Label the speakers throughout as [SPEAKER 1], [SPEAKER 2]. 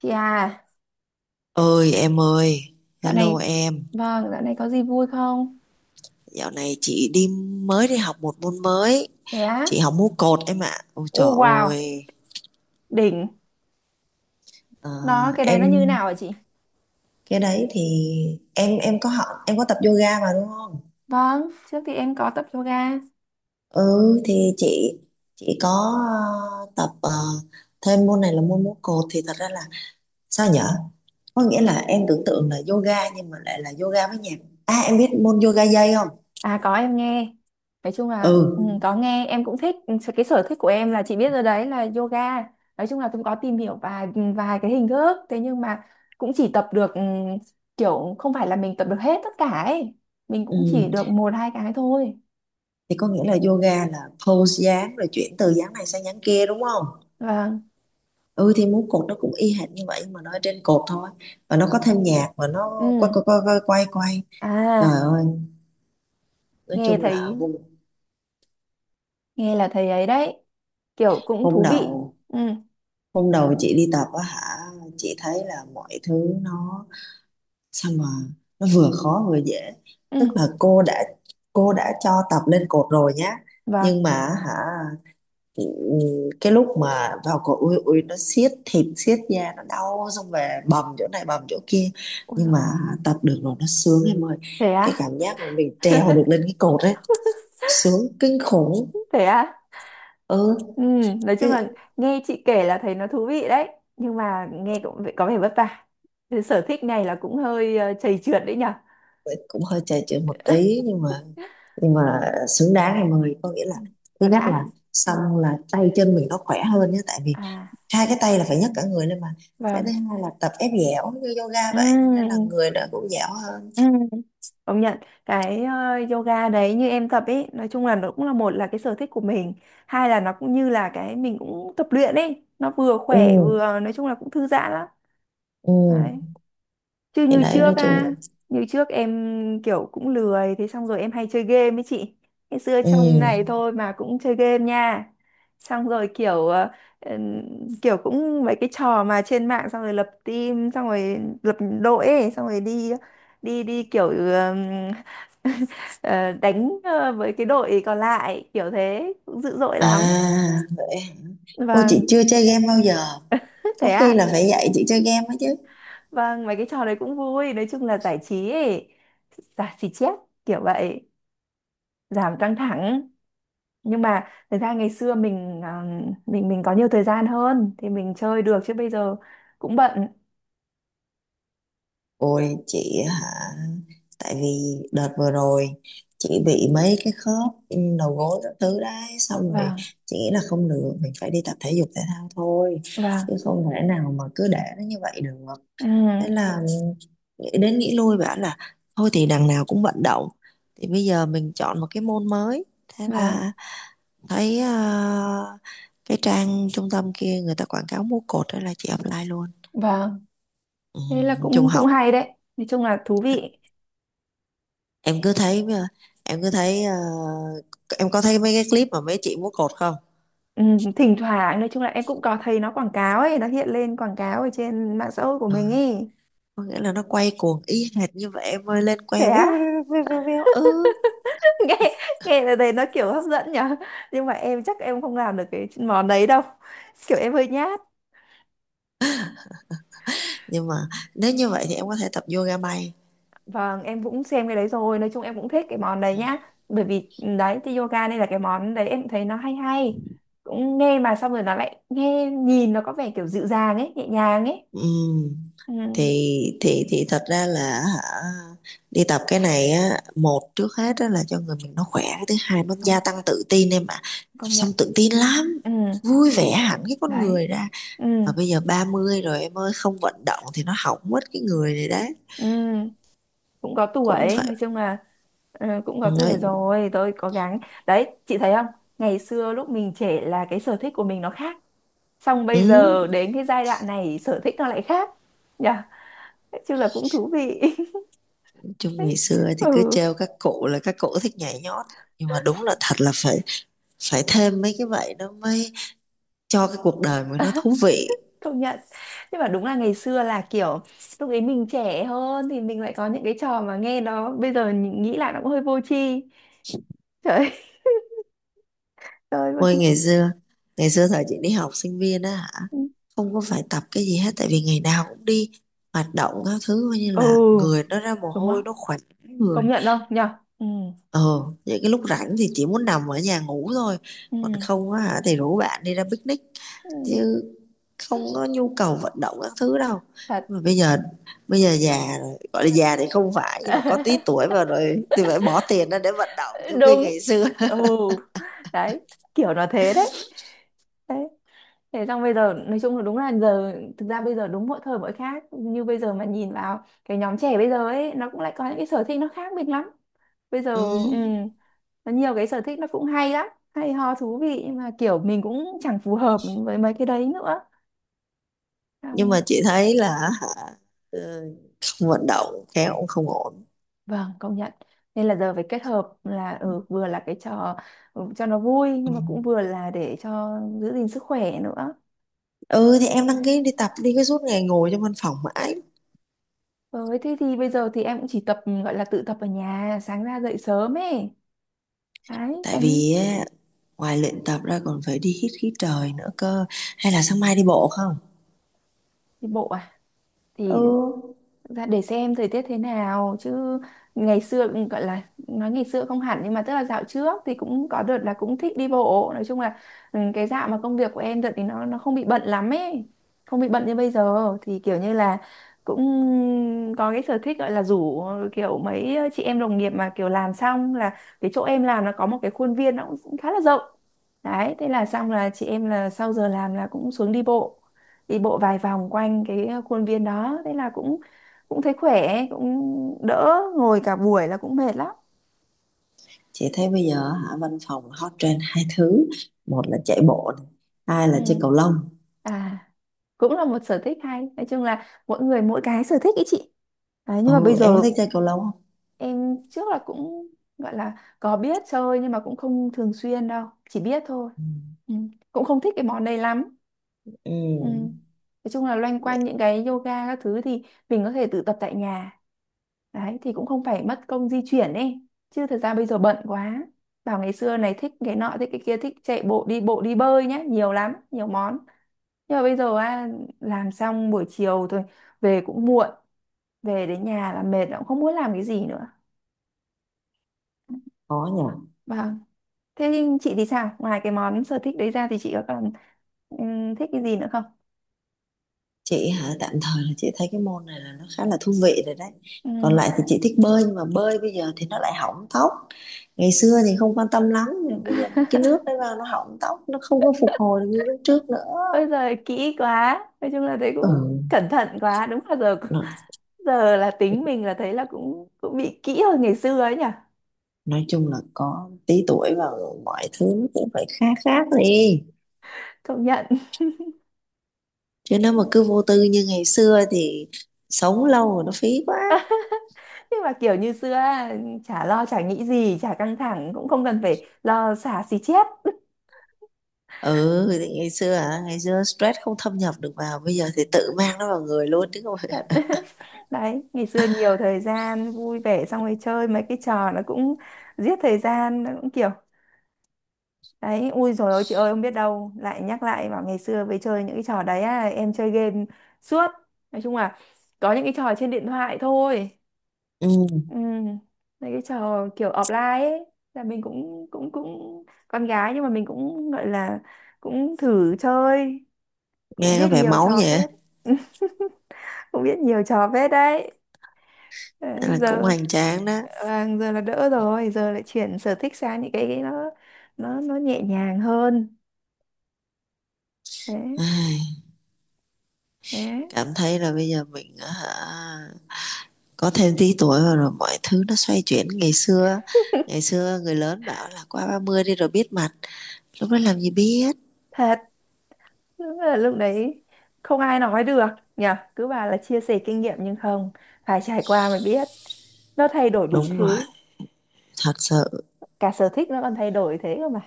[SPEAKER 1] Chị à,
[SPEAKER 2] Ơi em ơi,
[SPEAKER 1] dạo
[SPEAKER 2] hello
[SPEAKER 1] này,
[SPEAKER 2] em.
[SPEAKER 1] vâng, dạo này có gì vui không?
[SPEAKER 2] Dạo này chị mới đi học một môn mới,
[SPEAKER 1] Thế
[SPEAKER 2] chị
[SPEAKER 1] á?
[SPEAKER 2] học múa cột em ạ. Ôi
[SPEAKER 1] Ô
[SPEAKER 2] trời
[SPEAKER 1] wow,
[SPEAKER 2] ơi.
[SPEAKER 1] đỉnh.
[SPEAKER 2] Ờ,
[SPEAKER 1] Đó, cái đấy
[SPEAKER 2] em
[SPEAKER 1] nó như nào hả chị?
[SPEAKER 2] cái đấy thì em có học em có tập yoga mà đúng không?
[SPEAKER 1] Vâng, trước thì em có tập yoga.
[SPEAKER 2] Ừ, thì chị có tập thêm môn này là môn múa cột, thì thật ra là sao nhở? Có nghĩa là em tưởng tượng là yoga nhưng mà lại là yoga với nhạc. À, em biết môn yoga dây không?
[SPEAKER 1] À có em nghe. Nói chung là
[SPEAKER 2] Ừ.
[SPEAKER 1] có nghe, em cũng thích. Ừ, cái sở thích của em là chị biết rồi đấy là yoga. Nói chung là cũng có tìm hiểu vài vài cái hình thức. Thế nhưng mà cũng chỉ tập được kiểu không phải là mình tập được hết tất cả ấy. Mình cũng chỉ
[SPEAKER 2] Ừ,
[SPEAKER 1] được một hai cái thôi.
[SPEAKER 2] thì có nghĩa là yoga là pose dáng rồi chuyển từ dáng này sang dáng kia đúng không?
[SPEAKER 1] Vâng.
[SPEAKER 2] Ừ, thì múa cột nó cũng y hệt như vậy, nhưng mà nó ở trên cột thôi, và nó có thêm nhạc, và nó quay
[SPEAKER 1] Ừ.
[SPEAKER 2] quay quay quay quay quay. Trời
[SPEAKER 1] À,
[SPEAKER 2] ơi, nói
[SPEAKER 1] nghe
[SPEAKER 2] chung là
[SPEAKER 1] thấy
[SPEAKER 2] hôm
[SPEAKER 1] nghe là thấy ấy đấy kiểu cũng
[SPEAKER 2] hôm
[SPEAKER 1] thú vị.
[SPEAKER 2] đầu
[SPEAKER 1] Ừ,
[SPEAKER 2] hôm đầu chị đi tập á hả, chị thấy là mọi thứ nó sao mà, nó vừa khó vừa dễ.
[SPEAKER 1] ừ.
[SPEAKER 2] Tức là cô đã cho tập lên cột rồi nhá,
[SPEAKER 1] Và
[SPEAKER 2] nhưng mà hả. Ừ, cái lúc mà vào cổ ui ui nó siết thịt siết da nó đau, xong về bầm chỗ này bầm chỗ kia,
[SPEAKER 1] ôi
[SPEAKER 2] nhưng
[SPEAKER 1] giời,
[SPEAKER 2] mà tập được rồi nó sướng em ơi.
[SPEAKER 1] thế
[SPEAKER 2] Cái
[SPEAKER 1] á.
[SPEAKER 2] cảm giác mà mình trèo được lên cái cột ấy sướng kinh khủng.
[SPEAKER 1] Thế á.
[SPEAKER 2] Ừ,
[SPEAKER 1] Ừ, nói
[SPEAKER 2] chứ
[SPEAKER 1] chung là nghe chị kể là thấy nó thú vị đấy, nhưng mà nghe cũng có vẻ vất vả. Thế sở thích này là cũng hơi chầy trượt đấy nhở.
[SPEAKER 2] cũng hơi trầy trội một tí, nhưng mà xứng đáng em ơi. Có nghĩa là
[SPEAKER 1] Ừ,
[SPEAKER 2] thứ
[SPEAKER 1] nó
[SPEAKER 2] nhất
[SPEAKER 1] đã.
[SPEAKER 2] là,
[SPEAKER 1] Ừ.
[SPEAKER 2] xong là tay chân mình nó khỏe hơn nhé, tại vì
[SPEAKER 1] À,
[SPEAKER 2] hai cái tay là phải nhấc cả người lên mà. Cái thứ
[SPEAKER 1] vâng,
[SPEAKER 2] hai là tập ép dẻo như yoga
[SPEAKER 1] ừ,
[SPEAKER 2] vậy, nên là
[SPEAKER 1] ừ,
[SPEAKER 2] người nó cũng dẻo hơn.
[SPEAKER 1] ừ. Công nhận cái yoga đấy như em tập ấy, nói chung là nó cũng là một là cái sở thích của mình, hai là nó cũng như là cái mình cũng tập luyện ấy, nó vừa
[SPEAKER 2] Ừ.
[SPEAKER 1] khỏe vừa nói chung là cũng thư giãn lắm.
[SPEAKER 2] Ừ,
[SPEAKER 1] Đấy. Chứ
[SPEAKER 2] thì đấy nói chung là
[SPEAKER 1] như trước em kiểu cũng lười, thế xong rồi em hay chơi game ấy chị. Ngày xưa
[SPEAKER 2] ừ
[SPEAKER 1] trong này thôi mà cũng chơi game nha. Xong rồi ừm, kiểu cũng mấy cái trò mà trên mạng, xong rồi lập team, xong rồi lập đội ấy, xong rồi đi đi đi kiểu ờ, đánh với cái đội còn lại, kiểu thế, cũng dữ dội lắm.
[SPEAKER 2] à vậy. Ôi, chị
[SPEAKER 1] Vâng,
[SPEAKER 2] chưa chơi game bao giờ, có
[SPEAKER 1] thế
[SPEAKER 2] khi
[SPEAKER 1] à.
[SPEAKER 2] là phải dạy chị chơi game ấy chứ.
[SPEAKER 1] Vâng, mấy cái trò đấy cũng vui, nói chung là giải trí ấy, giải trí chép kiểu vậy. Giảm căng thẳng. Nhưng mà thực ra ngày xưa mình à, mình mình có nhiều thời gian hơn thì mình chơi được, chứ bây giờ cũng bận.
[SPEAKER 2] Ôi chị hả, tại vì đợt vừa rồi chị bị mấy cái khớp, đầu gối các thứ đấy, xong rồi
[SPEAKER 1] Vâng,
[SPEAKER 2] chị nghĩ là không được, mình phải đi tập thể dục thể thao thôi,
[SPEAKER 1] vâng.
[SPEAKER 2] chứ không thể nào mà cứ để nó như vậy được.
[SPEAKER 1] Ừ,
[SPEAKER 2] Thế là nghĩ đến nghĩ lui bảo là, thôi thì đằng nào cũng vận động, thì bây giờ mình chọn một cái môn mới. Thế
[SPEAKER 1] vâng,
[SPEAKER 2] là thấy cái trang trung tâm kia người ta quảng cáo múa cột đó là chị apply luôn.
[SPEAKER 1] vâng.
[SPEAKER 2] Ừ,
[SPEAKER 1] Thế là
[SPEAKER 2] nói chung
[SPEAKER 1] cũng cũng
[SPEAKER 2] học,
[SPEAKER 1] hay đấy, nói chung là thú vị.
[SPEAKER 2] em cứ thấy ờ, em cứ thấy ờ, em có thấy mấy cái clip mà mấy chị múa cột không?
[SPEAKER 1] Ừ, thỉnh thoảng nói chung là em cũng có thấy nó quảng cáo ấy, nó hiện lên quảng cáo ở trên mạng xã hội của mình ấy.
[SPEAKER 2] Có nghĩa là nó quay cuồng y hệt như vậy em ơi, lên
[SPEAKER 1] Thế
[SPEAKER 2] que véo
[SPEAKER 1] á.
[SPEAKER 2] véo véo véo véo, véo, ừ.
[SPEAKER 1] nghe nghe là thấy nó kiểu hấp dẫn nhở, nhưng mà em chắc em không làm được cái món đấy đâu, kiểu em hơi nhát.
[SPEAKER 2] Nhưng mà nếu như vậy thì em có thể tập yoga bay.
[SPEAKER 1] Vâng, em cũng xem cái đấy rồi, nói chung em cũng thích cái món đấy nhá. Bởi vì đấy thì yoga đây là cái món đấy em thấy nó hay hay. Cũng nghe mà xong rồi nó lại nghe nhìn nó có vẻ kiểu dịu dàng ấy, nhẹ nhàng ấy.
[SPEAKER 2] Ừ.
[SPEAKER 1] Ừ,
[SPEAKER 2] Thì thật ra là hả, đi tập cái này á, một trước hết á là cho người mình nó khỏe, cái thứ hai nó gia
[SPEAKER 1] đúng,
[SPEAKER 2] tăng tự tin em ạ. Tập
[SPEAKER 1] công nhận.
[SPEAKER 2] xong tự tin lắm,
[SPEAKER 1] Ừ,
[SPEAKER 2] vui vẻ hẳn cái con
[SPEAKER 1] đấy.
[SPEAKER 2] người ra.
[SPEAKER 1] Ừ,
[SPEAKER 2] Mà bây giờ 30 rồi em ơi, không vận động thì nó hỏng mất cái người này đấy.
[SPEAKER 1] ừ, cũng có
[SPEAKER 2] Cũng
[SPEAKER 1] tuổi,
[SPEAKER 2] phải
[SPEAKER 1] nói chung là cũng có
[SPEAKER 2] nói.
[SPEAKER 1] tuổi rồi, tôi cố gắng. Đấy, chị thấy không? Ngày xưa lúc mình trẻ là cái sở thích của mình nó khác. Xong
[SPEAKER 2] ừ.
[SPEAKER 1] bây giờ đến cái giai đoạn này sở thích nó lại khác. Nhỉ? Chứ là cũng thú vị.
[SPEAKER 2] Chung ngày xưa thì cứ
[SPEAKER 1] Ừ,
[SPEAKER 2] trêu các cụ là các cụ thích nhảy nhót, nhưng mà đúng là thật là phải phải thêm mấy cái vậy nó mới cho cái cuộc đời mình nó thú vị.
[SPEAKER 1] công nhận. Nhưng mà đúng là ngày xưa là kiểu lúc ấy mình trẻ hơn thì mình lại có những cái trò mà nghe nó bây giờ nghĩ lại nó cũng hơi vô tri. Trời ơi. Trời ơi, vô
[SPEAKER 2] Ôi
[SPEAKER 1] tri.
[SPEAKER 2] ngày xưa thời chị đi học sinh viên á hả,
[SPEAKER 1] Ừ.
[SPEAKER 2] không có phải tập cái gì hết, tại vì ngày nào cũng đi hoạt động các thứ, coi như là
[SPEAKER 1] Ừ,
[SPEAKER 2] người nó ra mồ
[SPEAKER 1] đúng
[SPEAKER 2] hôi
[SPEAKER 1] không,
[SPEAKER 2] nó khỏe
[SPEAKER 1] công
[SPEAKER 2] người.
[SPEAKER 1] nhận không nhở. Ừ,
[SPEAKER 2] Ờ, những cái lúc rảnh thì chỉ muốn nằm ở nhà ngủ thôi,
[SPEAKER 1] ừ,
[SPEAKER 2] còn không á hả thì rủ bạn đi ra picnic,
[SPEAKER 1] ừ,
[SPEAKER 2] chứ không có nhu cầu vận động các thứ đâu.
[SPEAKER 1] thật.
[SPEAKER 2] Mà bây giờ già rồi, gọi là già thì không phải nhưng mà có tí tuổi vào rồi thì phải bỏ tiền ra để vận động, trong khi
[SPEAKER 1] Đúng.
[SPEAKER 2] ngày xưa.
[SPEAKER 1] Ừ, đấy, kiểu nó thế đấy. Đấy. Thế xong bây giờ nói chung là đúng là giờ, thực ra bây giờ đúng mỗi thời mỗi khác, như bây giờ mà nhìn vào cái nhóm trẻ bây giờ ấy, nó cũng lại có những cái sở thích nó khác biệt lắm bây giờ.
[SPEAKER 2] Ừ.
[SPEAKER 1] Ừ, nó nhiều cái sở thích nó cũng hay lắm, hay ho thú vị, nhưng mà kiểu mình cũng chẳng phù hợp với mấy cái đấy nữa. Xong,
[SPEAKER 2] Nhưng mà chị thấy là hả, ờ, không vận động khéo cũng không ổn.
[SPEAKER 1] vâng, công nhận. Nên là giờ phải kết hợp là vừa là cái trò, ừ, cho nó vui,
[SPEAKER 2] Ừ.
[SPEAKER 1] nhưng mà cũng vừa là để cho giữ gìn sức khỏe nữa.
[SPEAKER 2] Ừ, thì em đăng
[SPEAKER 1] Đấy.
[SPEAKER 2] ký đi tập đi, cái suốt ngày ngồi trong văn phòng mãi.
[SPEAKER 1] Với thế thì bây giờ thì em cũng chỉ tập gọi là tự tập ở nhà, sáng ra dậy sớm ấy. Đấy,
[SPEAKER 2] Tại
[SPEAKER 1] sang
[SPEAKER 2] vì á, ngoài luyện tập ra còn phải đi hít khí trời nữa cơ, hay là sáng mai đi bộ không?
[SPEAKER 1] đi bộ à?
[SPEAKER 2] Ừ,
[SPEAKER 1] Thì dạ, để xem thời tiết thế nào chứ. Ngày xưa cũng gọi là, nói ngày xưa không hẳn, nhưng mà tức là dạo trước thì cũng có đợt là cũng thích đi bộ, nói chung là ừ, cái dạo mà công việc của em đợt thì nó không bị bận lắm ấy, không bị bận như bây giờ thì kiểu như là cũng có cái sở thích gọi là rủ kiểu mấy chị em đồng nghiệp mà kiểu làm xong là cái chỗ em làm nó có một cái khuôn viên nó cũng khá là rộng, đấy thế là xong là chị em là sau giờ làm là cũng xuống đi bộ, đi bộ vài vòng quanh cái khuôn viên đó, thế là cũng cũng thấy khỏe, cũng đỡ ngồi cả buổi là cũng mệt lắm.
[SPEAKER 2] chị thấy bây giờ hả, văn phòng hot trend hai thứ: một là chạy bộ này, hai là chơi
[SPEAKER 1] Ừ.
[SPEAKER 2] cầu lông.
[SPEAKER 1] À, cũng là một sở thích hay, nói chung là mỗi người mỗi cái sở thích ý chị. Đấy, nhưng mà bây
[SPEAKER 2] Ừ, em có
[SPEAKER 1] giờ
[SPEAKER 2] thích chơi cầu lông không?
[SPEAKER 1] em trước là cũng gọi là có biết chơi nhưng mà cũng không thường xuyên đâu, chỉ biết thôi.
[SPEAKER 2] Ừ.
[SPEAKER 1] Ừ. Cũng không thích cái món đấy lắm. Ừ.
[SPEAKER 2] Ừ
[SPEAKER 1] Nói chung là loanh
[SPEAKER 2] vậy,
[SPEAKER 1] quanh những cái yoga các thứ thì mình có thể tự tập tại nhà. Đấy thì cũng không phải mất công di chuyển ấy. Chứ thật ra bây giờ bận quá. Bảo ngày xưa này thích cái nọ, thích cái kia, thích chạy bộ, đi bộ, đi bơi nhá, nhiều lắm, nhiều món. Nhưng mà bây giờ à, làm xong buổi chiều thôi, về cũng muộn, về đến nhà là mệt cũng không muốn làm cái gì nữa.
[SPEAKER 2] khó nhỉ.
[SPEAKER 1] Vâng. Thế chị thì sao? Ngoài cái món sở thích đấy ra thì chị có còn thích cái gì nữa không?
[SPEAKER 2] Chị hả, tạm thời là chị thấy cái môn này là nó khá là thú vị rồi đấy.
[SPEAKER 1] Ừ.
[SPEAKER 2] Còn lại thì chị thích bơi, nhưng mà bơi bây giờ thì nó lại hỏng tóc. Ngày xưa thì không quan tâm lắm, nhưng bây giờ cái nước đấy vào nó hỏng tóc, nó không có phục hồi được như lúc trước nữa.
[SPEAKER 1] Ôi giời kỹ quá. Nói chung là thấy
[SPEAKER 2] Ừ,
[SPEAKER 1] cũng cẩn thận quá. Đúng là giờ,
[SPEAKER 2] nói,
[SPEAKER 1] giờ là tính mình là thấy là cũng cũng bị kỹ hơn ngày xưa ấy nhỉ.
[SPEAKER 2] nói chung là có tí tuổi và mọi thứ nó cũng phải khác khác đi,
[SPEAKER 1] Công nhận.
[SPEAKER 2] chứ nếu mà cứ vô tư như ngày xưa thì sống lâu rồi nó phí quá.
[SPEAKER 1] Nhưng mà kiểu như xưa á, chả lo chả nghĩ gì, chả căng thẳng, cũng không cần phải lo xả xì chét.
[SPEAKER 2] Ừ, thì ngày xưa hả, ngày xưa stress không thâm nhập được vào, bây giờ thì tự mang nó vào người luôn chứ không phải.
[SPEAKER 1] Đấy, ngày xưa nhiều thời gian vui vẻ, xong rồi chơi mấy cái trò nó cũng giết thời gian, nó cũng kiểu. Đấy, ui dồi ôi chị ơi, không biết đâu. Lại nhắc lại bảo ngày xưa với chơi những cái trò đấy á, em chơi game suốt. Nói chung là có những cái trò trên điện thoại thôi.
[SPEAKER 2] Ừ,
[SPEAKER 1] Ừ. Mấy cái trò kiểu offline ấy, là mình cũng cũng cũng con gái nhưng mà mình cũng gọi là cũng thử chơi, cũng
[SPEAKER 2] nghe có
[SPEAKER 1] biết
[SPEAKER 2] vẻ
[SPEAKER 1] nhiều
[SPEAKER 2] máu
[SPEAKER 1] trò
[SPEAKER 2] vậy á,
[SPEAKER 1] phết. Cũng biết nhiều trò phết đấy,
[SPEAKER 2] nên
[SPEAKER 1] đấy.
[SPEAKER 2] là cũng
[SPEAKER 1] Giờ
[SPEAKER 2] hoành tráng đó.
[SPEAKER 1] vâng, giờ là đỡ rồi, giờ lại chuyển sở thích sang những cái nó nhẹ nhàng hơn. Đấy,
[SPEAKER 2] Ai,
[SPEAKER 1] đấy.
[SPEAKER 2] cảm thấy là bây giờ mình á hả, có thêm tí tuổi rồi, rồi mọi thứ nó xoay chuyển. Ngày xưa, ngày xưa người lớn bảo là qua 30 đi rồi biết mặt, lúc đó làm gì biết.
[SPEAKER 1] Thật. Đúng là lúc đấy không ai nói được nhỉ, cứ bảo là chia sẻ kinh nghiệm nhưng không, phải trải qua mới biết. Nó thay đổi đủ
[SPEAKER 2] Đúng rồi,
[SPEAKER 1] thứ,
[SPEAKER 2] thật sự.
[SPEAKER 1] cả sở thích nó còn thay đổi thế cơ mà.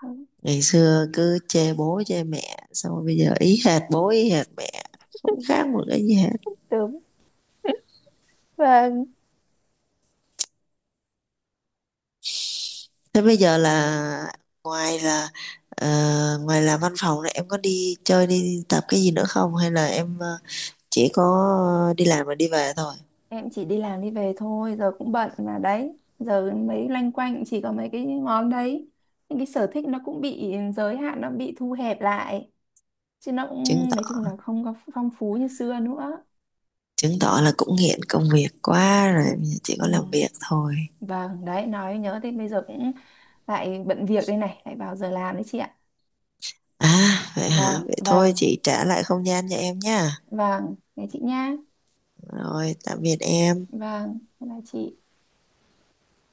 [SPEAKER 1] Đúng,
[SPEAKER 2] Ngày xưa cứ chê bố chê mẹ, xong rồi bây giờ ý hệt bố ý hệt mẹ, không khác một cái gì hết.
[SPEAKER 1] đúng. Và
[SPEAKER 2] Thế bây giờ là ngoài là ờ, ngoài là văn phòng này em có đi chơi đi tập cái gì nữa không, hay là em chỉ có đi làm và đi về thôi?
[SPEAKER 1] em chỉ đi làm đi về thôi, giờ cũng bận mà, đấy giờ mấy loanh quanh chỉ có mấy cái món đấy, những cái sở thích nó cũng bị giới hạn, nó bị thu hẹp lại, chứ nó
[SPEAKER 2] chứng
[SPEAKER 1] cũng nói
[SPEAKER 2] tỏ
[SPEAKER 1] chung là không có phong phú như xưa nữa.
[SPEAKER 2] Chứng tỏ là cũng nghiện công việc quá rồi, chỉ
[SPEAKER 1] Ừ.
[SPEAKER 2] có làm việc thôi.
[SPEAKER 1] Vâng, đấy nói nhớ thế, bây giờ cũng lại bận việc đây này, lại vào giờ làm đấy chị ạ.
[SPEAKER 2] À vậy hả,
[SPEAKER 1] Vâng,
[SPEAKER 2] vậy thôi
[SPEAKER 1] vâng.
[SPEAKER 2] chị trả lại không gian cho em nha.
[SPEAKER 1] Vâng, thế chị nha.
[SPEAKER 2] Rồi tạm biệt em.
[SPEAKER 1] Vâng, bye bye chị.